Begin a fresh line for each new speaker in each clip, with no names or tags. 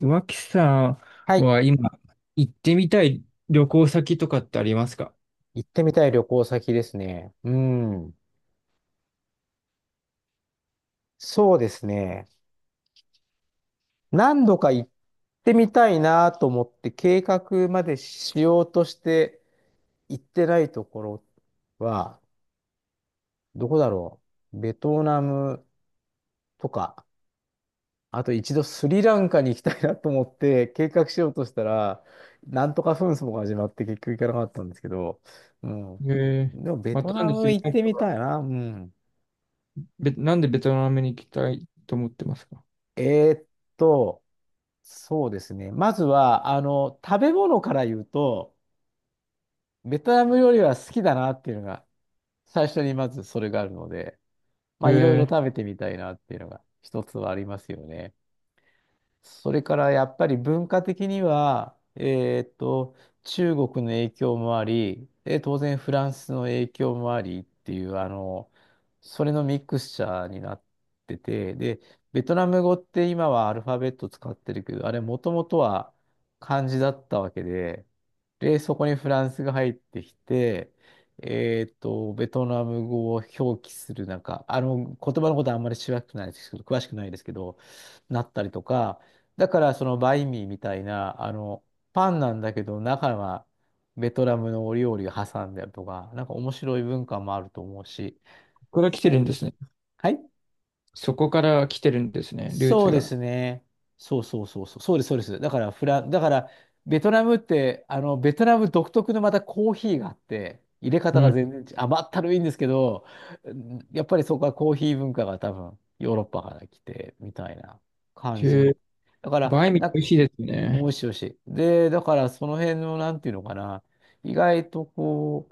脇さ
は
ん
い。
は今行ってみたい旅行先とかってありますか？
行ってみたい旅行先ですね。うん。そうですね。何度か行ってみたいなと思って計画までしようとして行ってないところは、どこだろう。ベトナムとか、あと一度スリランカに行きたいなと思って計画しようとしたら、なんとか紛争が始まって結局行かなかったんですけど、うん。
ええ、
でもベ
ま
ト
たなん
ナ
でス
ム
リ
行っ
ラン
て
カ
み
が、
たいな。うん。
なんでベトナムに行きたいと思ってますか？
えーっと、そうですね。まずは、食べ物から言うと、ベトナム料理は好きだなっていうのが、最初にまずそれがあるので、まあ、いろいろ
ええ、
食べてみたいなっていうのが、一つはありますよね。それからやっぱり文化的には、中国の影響もあり、で、当然フランスの影響もありっていう、それのミクスチャーになってて、で、ベトナム語って今はアルファベット使ってるけど、あれもともとは漢字だったわけで、で、そこにフランスが入ってきて、ベトナム語を表記する、なんか、言葉のことはあんまり詳しくないですけど、詳しくないですけど、なったりとか、だからそのバインミーみたいな、パンなんだけど中はベトナムのお料理を挟んであるとか、なんか面白い文化もあると思うし。
ここから来てるん
で、
ですね。
はい。
そこから来てるんですね、ルー
そ
ツ
うで
が。
すね。そうそうそうそう。そうです、そうです。だからベトナムって、ベトナム独特のまたコーヒーがあって、入れ
う
方が
ん。
全然違う。甘ったるいんですけど、うん、やっぱりそこはコーヒー文化が多分ヨーロッパから来てみたいな感じ
へ
み。
え、
だから、
バインミー
な、
美味しいです
美
ね。
味しい美味しい。で、だからその辺の、なんていうのかな、意外とこ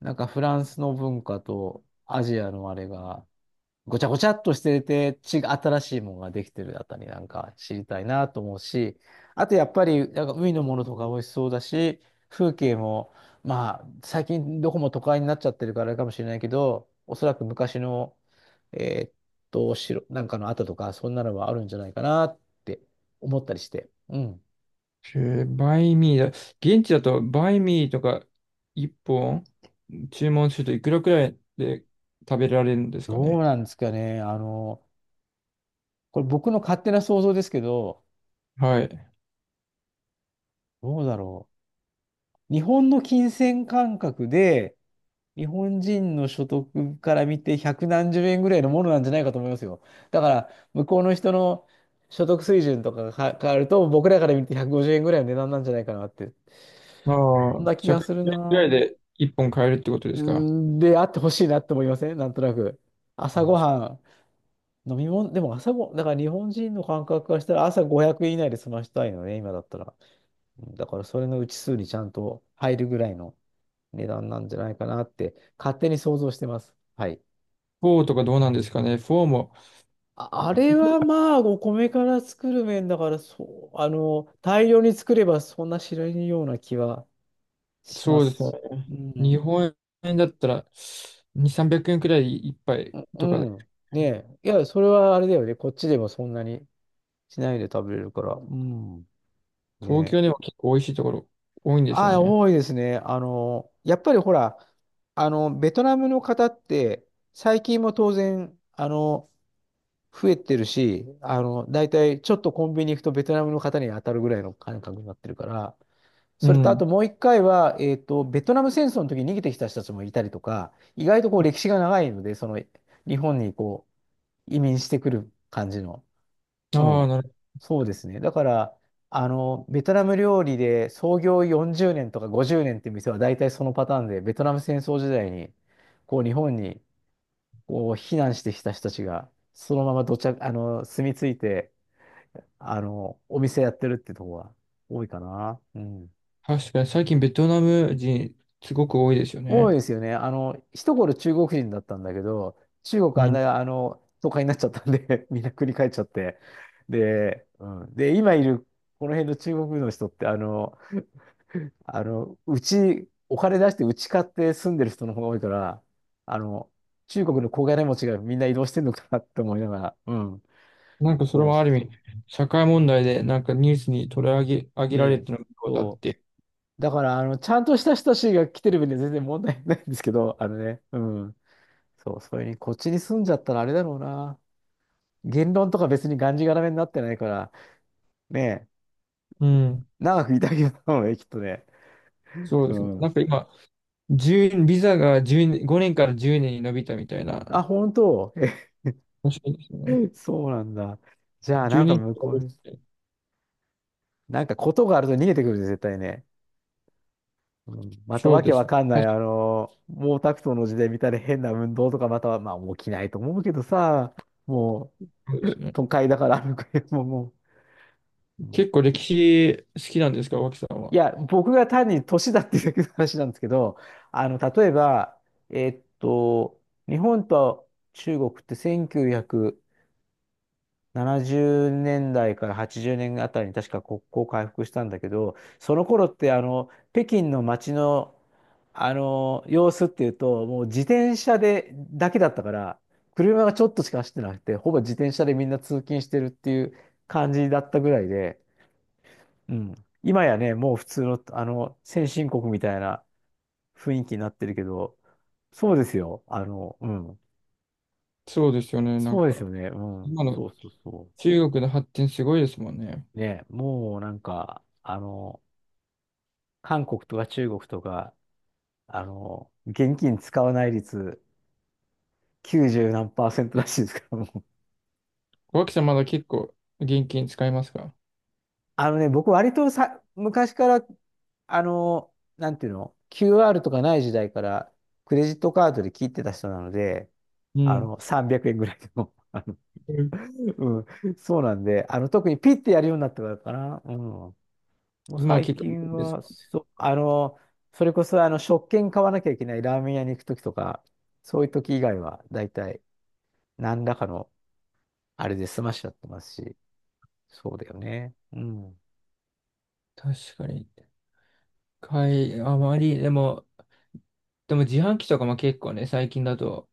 う、なんかフランスの文化とアジアのあれが、ごちゃごちゃっとしてて、新しいものができてるあたりなんか知りたいなと思うし、あとやっぱり、なんか海のものとか美味しそうだし、風景も、まあ、最近どこも都会になっちゃってるからあれかもしれないけど、おそらく昔の、えーっ城、なんかの跡とか、そんなのはあるんじゃないかなって思ったりして。うん。
へえ、バインミーだ。現地だとバインミーとか一本注文するといくらくらいで食べられるんですか
どう
ね？
なんですかね。これ僕の勝手な想像ですけど、
はい。
どうだろう。日本の金銭感覚で、日本人の所得から見て百何十円ぐらいのものなんじゃないかと思いますよ。だから、向こうの人の所得水準とかがか変わると、僕らから見て150円ぐらいの値段なんじゃないかなって、
あ
そん
あ、
な気
1
が
0
する
円ぐら
な。
いで1本買えるってことで
うー
すか？
ん、で、あってほしいなって思いませんなんとなく。朝ごはん、飲み物、でも朝ご、だから日本人の感覚からしたら朝500円以内で済ましたいのね、今だったら。だからそれのうち数にちゃんと入るぐらいの値段なんじゃないかなって勝手に想像してます。はい。
4とかどうなんですかね？4も、
あ、あれはまあお米から作る麺だからそう、あの大量に作ればそんな知らないような気はしま
そうです
す
よ
し。
ね。
う
日
ん。
本円だったら2、300円くえんくらい1杯と
う
かで、
ん。ねえ。いや、それはあれだよね。こっちでもそんなにしないで食べれるから。うん。ね
東京でも
え。
結構美味しいところ多いんですよ
ああ、
ね。
多いですね。やっぱりほら、ベトナムの方って、最近も当然、増えてるし、大体ちょっとコンビニ行くとベトナムの方に当たるぐらいの感覚になってるから、
う
それとあ
ん。
ともう一回は、ベトナム戦争の時に逃げてきた人たちもいたりとか、意外とこう歴史が長いので、その日本にこう移民してくる感じの。う
ああ、
ん。
なるほど。
そうですね。だから、ベトナム料理で創業40年とか50年っていう店は大体そのパターンで、ベトナム戦争時代にこう日本にこう、避難してきた人たちが、そのままどちゃ、住み着いて、お店やってるってとこが多いかな。うん。
確かに最近ベトナム人すごく多いですよ
多
ね。
いですよね。一頃中国人だったんだけど、中国
う
あん
ん。
な、都会になっちゃったんで みんな繰り返っちゃって。で、うん。で、今いる、この辺の中国の人って、お金出してうち買って住んでる人の方が多いから、あの、中国の小金持ちがみんな移動してんのかなって思いながら、うん。
なんかそれ
そう
も
そ
あ
う
る意
そ
味、
う。
社会問題でなんかニュースに取り上げ、上げ
ね
られ
え。
てることあっ
そ
て。
う。だから、ちゃんとした人たちが来てる分には全然問題ないんですけど、あのね、うん。そう、それに、こっちに住んじゃったらあれだろうな。言論とか別にがんじがらめになってないから、ねえ、
うん。
長くいたけどもね、きっとね。
そう
う
ですね。なん
ん。
か今、1ビザが10、5年から10年に伸びたみたい
あ、
な。
本当。
面白いですね。
え、そうなんだ。じゃあ、な
1
んか
年か
向こうに、
らて
なんかことがあると逃げてくるで、絶対ね。うん、また
そう
わけ
です
わ
ね。
かんない、
確かに。
毛沢東の時代みたいな変な運動とか、または、まあ、起きないと思うけどさ、も
そうで
う、
すね。
都会だから歩くよ、もう、もう。うん、
結構歴史好きなんですか、脇さん
い
は？
や、僕が単に年だっていうだけの話なんですけど、例えば、えっと、日本と中国って1900、 70年代から80年あたりに確か国交回復したんだけど、その頃ってあの北京の街の、あの様子っていうと、もう自転車でだけだったから、車がちょっとしか走ってなくて、ほぼ自転車でみんな通勤してるっていう感じだったぐらいで、うん、今やね、もう普通の、あの先進国みたいな雰囲気になってるけど、そうですよ。うん。
そうですよね。な
そ
ん
うです
か、
よね。うん。
今の
そうそうそう。
中国の発展すごいですもんね。
ね、もうなんか、韓国とか中国とか、現金使わない率90何パーセントらしいですから、もう。
脇さんまだ結構現金使いますか？
あのね、僕割とさ、昔から、あの、なんていうの、QR とかない時代から、クレジットカードで切ってた人なので、
うん。
300円ぐらいでも、
うん、
うん、そうなんで、特にピッてやるようになってからかな。うん。もう
今は
最
結構
近
です
は、
か？
そう、それこそあの食券買わなきゃいけないラーメン屋に行くときとか、そういうとき以外は、だいたい何らかのあれで済ましちゃってますし、そうだよね。うん。
確かに。あまり、でも、自販機とかも結構ね、最近だと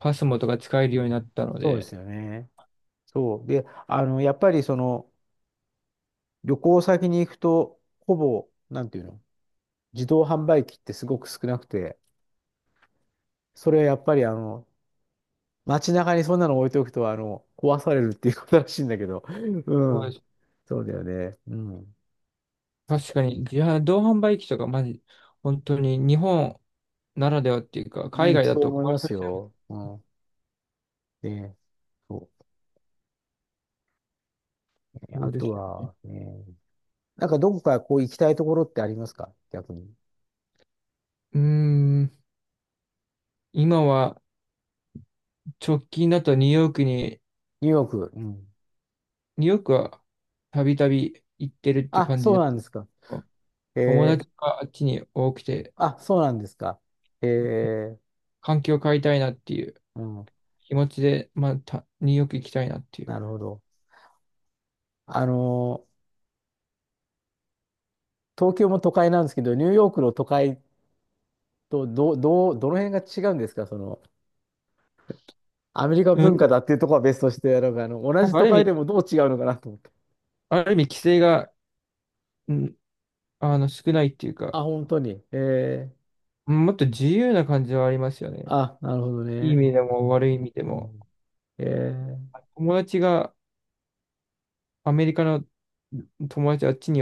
パスモとか使えるようになったの
そうです
で、
よね。そう。で、やっぱりその、旅行先に行くと、ほぼ、なんていうの、自動販売機ってすごく少なくて、それはやっぱりあの、街中にそんなの置いておくと、壊されるっていうことらしいんだけど、う
そう
ん。
です。
そうだよね。うん。
確かに同販売機とか、まじ、本当に日本ならではっていうか、
う
海
ん、
外だ
そう
と
思いま
壊さ
す
れ
よ。うん。で、そうね。
そ
あ
うです
と
よね。
はね、なんかどこかこう行きたいところってありますか、逆に。
うーん、今は直近だと
ニューヨーク。うん。
ニューヨークはたびたび行ってるって
あ、
感じ
そう
だけ
なんですか。
ど、
え
友
ー、
達があっちに多くて、
あ、そうなんですか。えー、
環境を変えたいなっていう
うん。
気持ちで、まあ、ニューヨーク行きたいなっていう。
なるほど。あの、東京も都会なんですけど、ニューヨークの都会とどの辺が違うんですか、その、アメリカ
う
文
ん、
化だっていうところは別として、なんかあの、同
なん
じ
かあ
都
る意
会で
味、
もどう違うのかなと思って。
ある意味規制が、うん、少ないっていうか、
あ、本当に。ー
もっと自由な感じはありますよね。
あ、なるほど
いい意
ね。
味で
う
も
ん、
悪い意味で
う
も。
ん、えー、
友達がアメリカの友達あっちに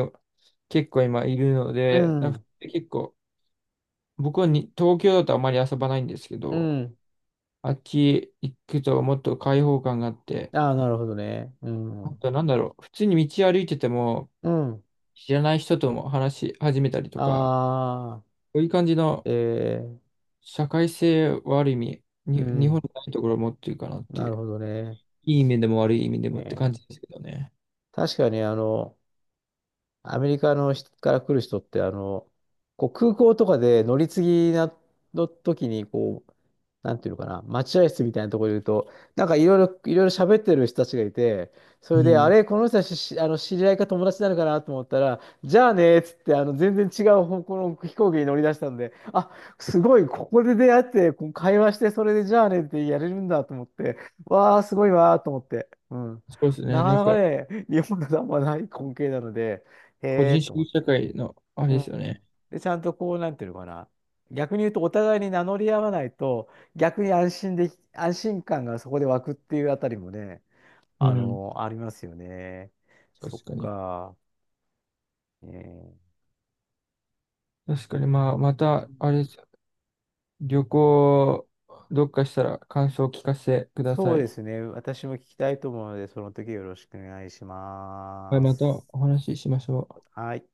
結構今いるの
う
で、なんか
ん、
結構、僕は東京だとあまり遊ばないんですけ
う
ど、
ん。
あっち行くともっと開放感があって、
ああ、なるほどね。う
あ
ん、
となんだろう、普通に道歩いてても
うん。
知らない人とも話し始めたりとか、
ああ、
そういう感じの
えー、
社会性はある意味、
う
日本
ん、
にないところを持ってるかなって
な
い
る
う、
ほどね。
いい意味でも悪い意味でも
え
って感
ー、
じですけどね。
確かに、アメリカの人から来る人って、こう空港とかで乗り継ぎの時に、こう、なんていうのかな、待合室みたいなところにいると、なんかいろいろ喋ってる人たちがいて、そ
う
れで、あ
ん。
れ、この人たちしあの知り合いか友達なのかなと思ったら、じゃあねーっつって、全然違う方向の飛行機に乗り出したんで、あ、すごい、ここで出会って、こう会話して、それでじゃあねってやれるんだと思って、わー、すごいわーと思って。うん。
そうです
な
ね。
か
なん
なか
か、
ね、日本だとあんまない光景なので、へ
個
え
人主
と思っ
義社
て。
会のあれ
う
で
ん。
すよね。
で、ちゃんとこう、なんていうのかな。逆に言うと、お互いに名乗り合わないと、逆に安心感がそこで湧くっていうあたりもね、
うん。
ありますよね。そっ
確かに。
か。えー
確かに、まあ、ま
う
た、
ん、
あれ、旅行、どっかしたら感想を聞かせてくだ
そ
さ
う
い。
ですね。私も聞きたいと思うので、その時よろしくお願いし
はい、
ま
また
す。
お話ししましょう。
はい。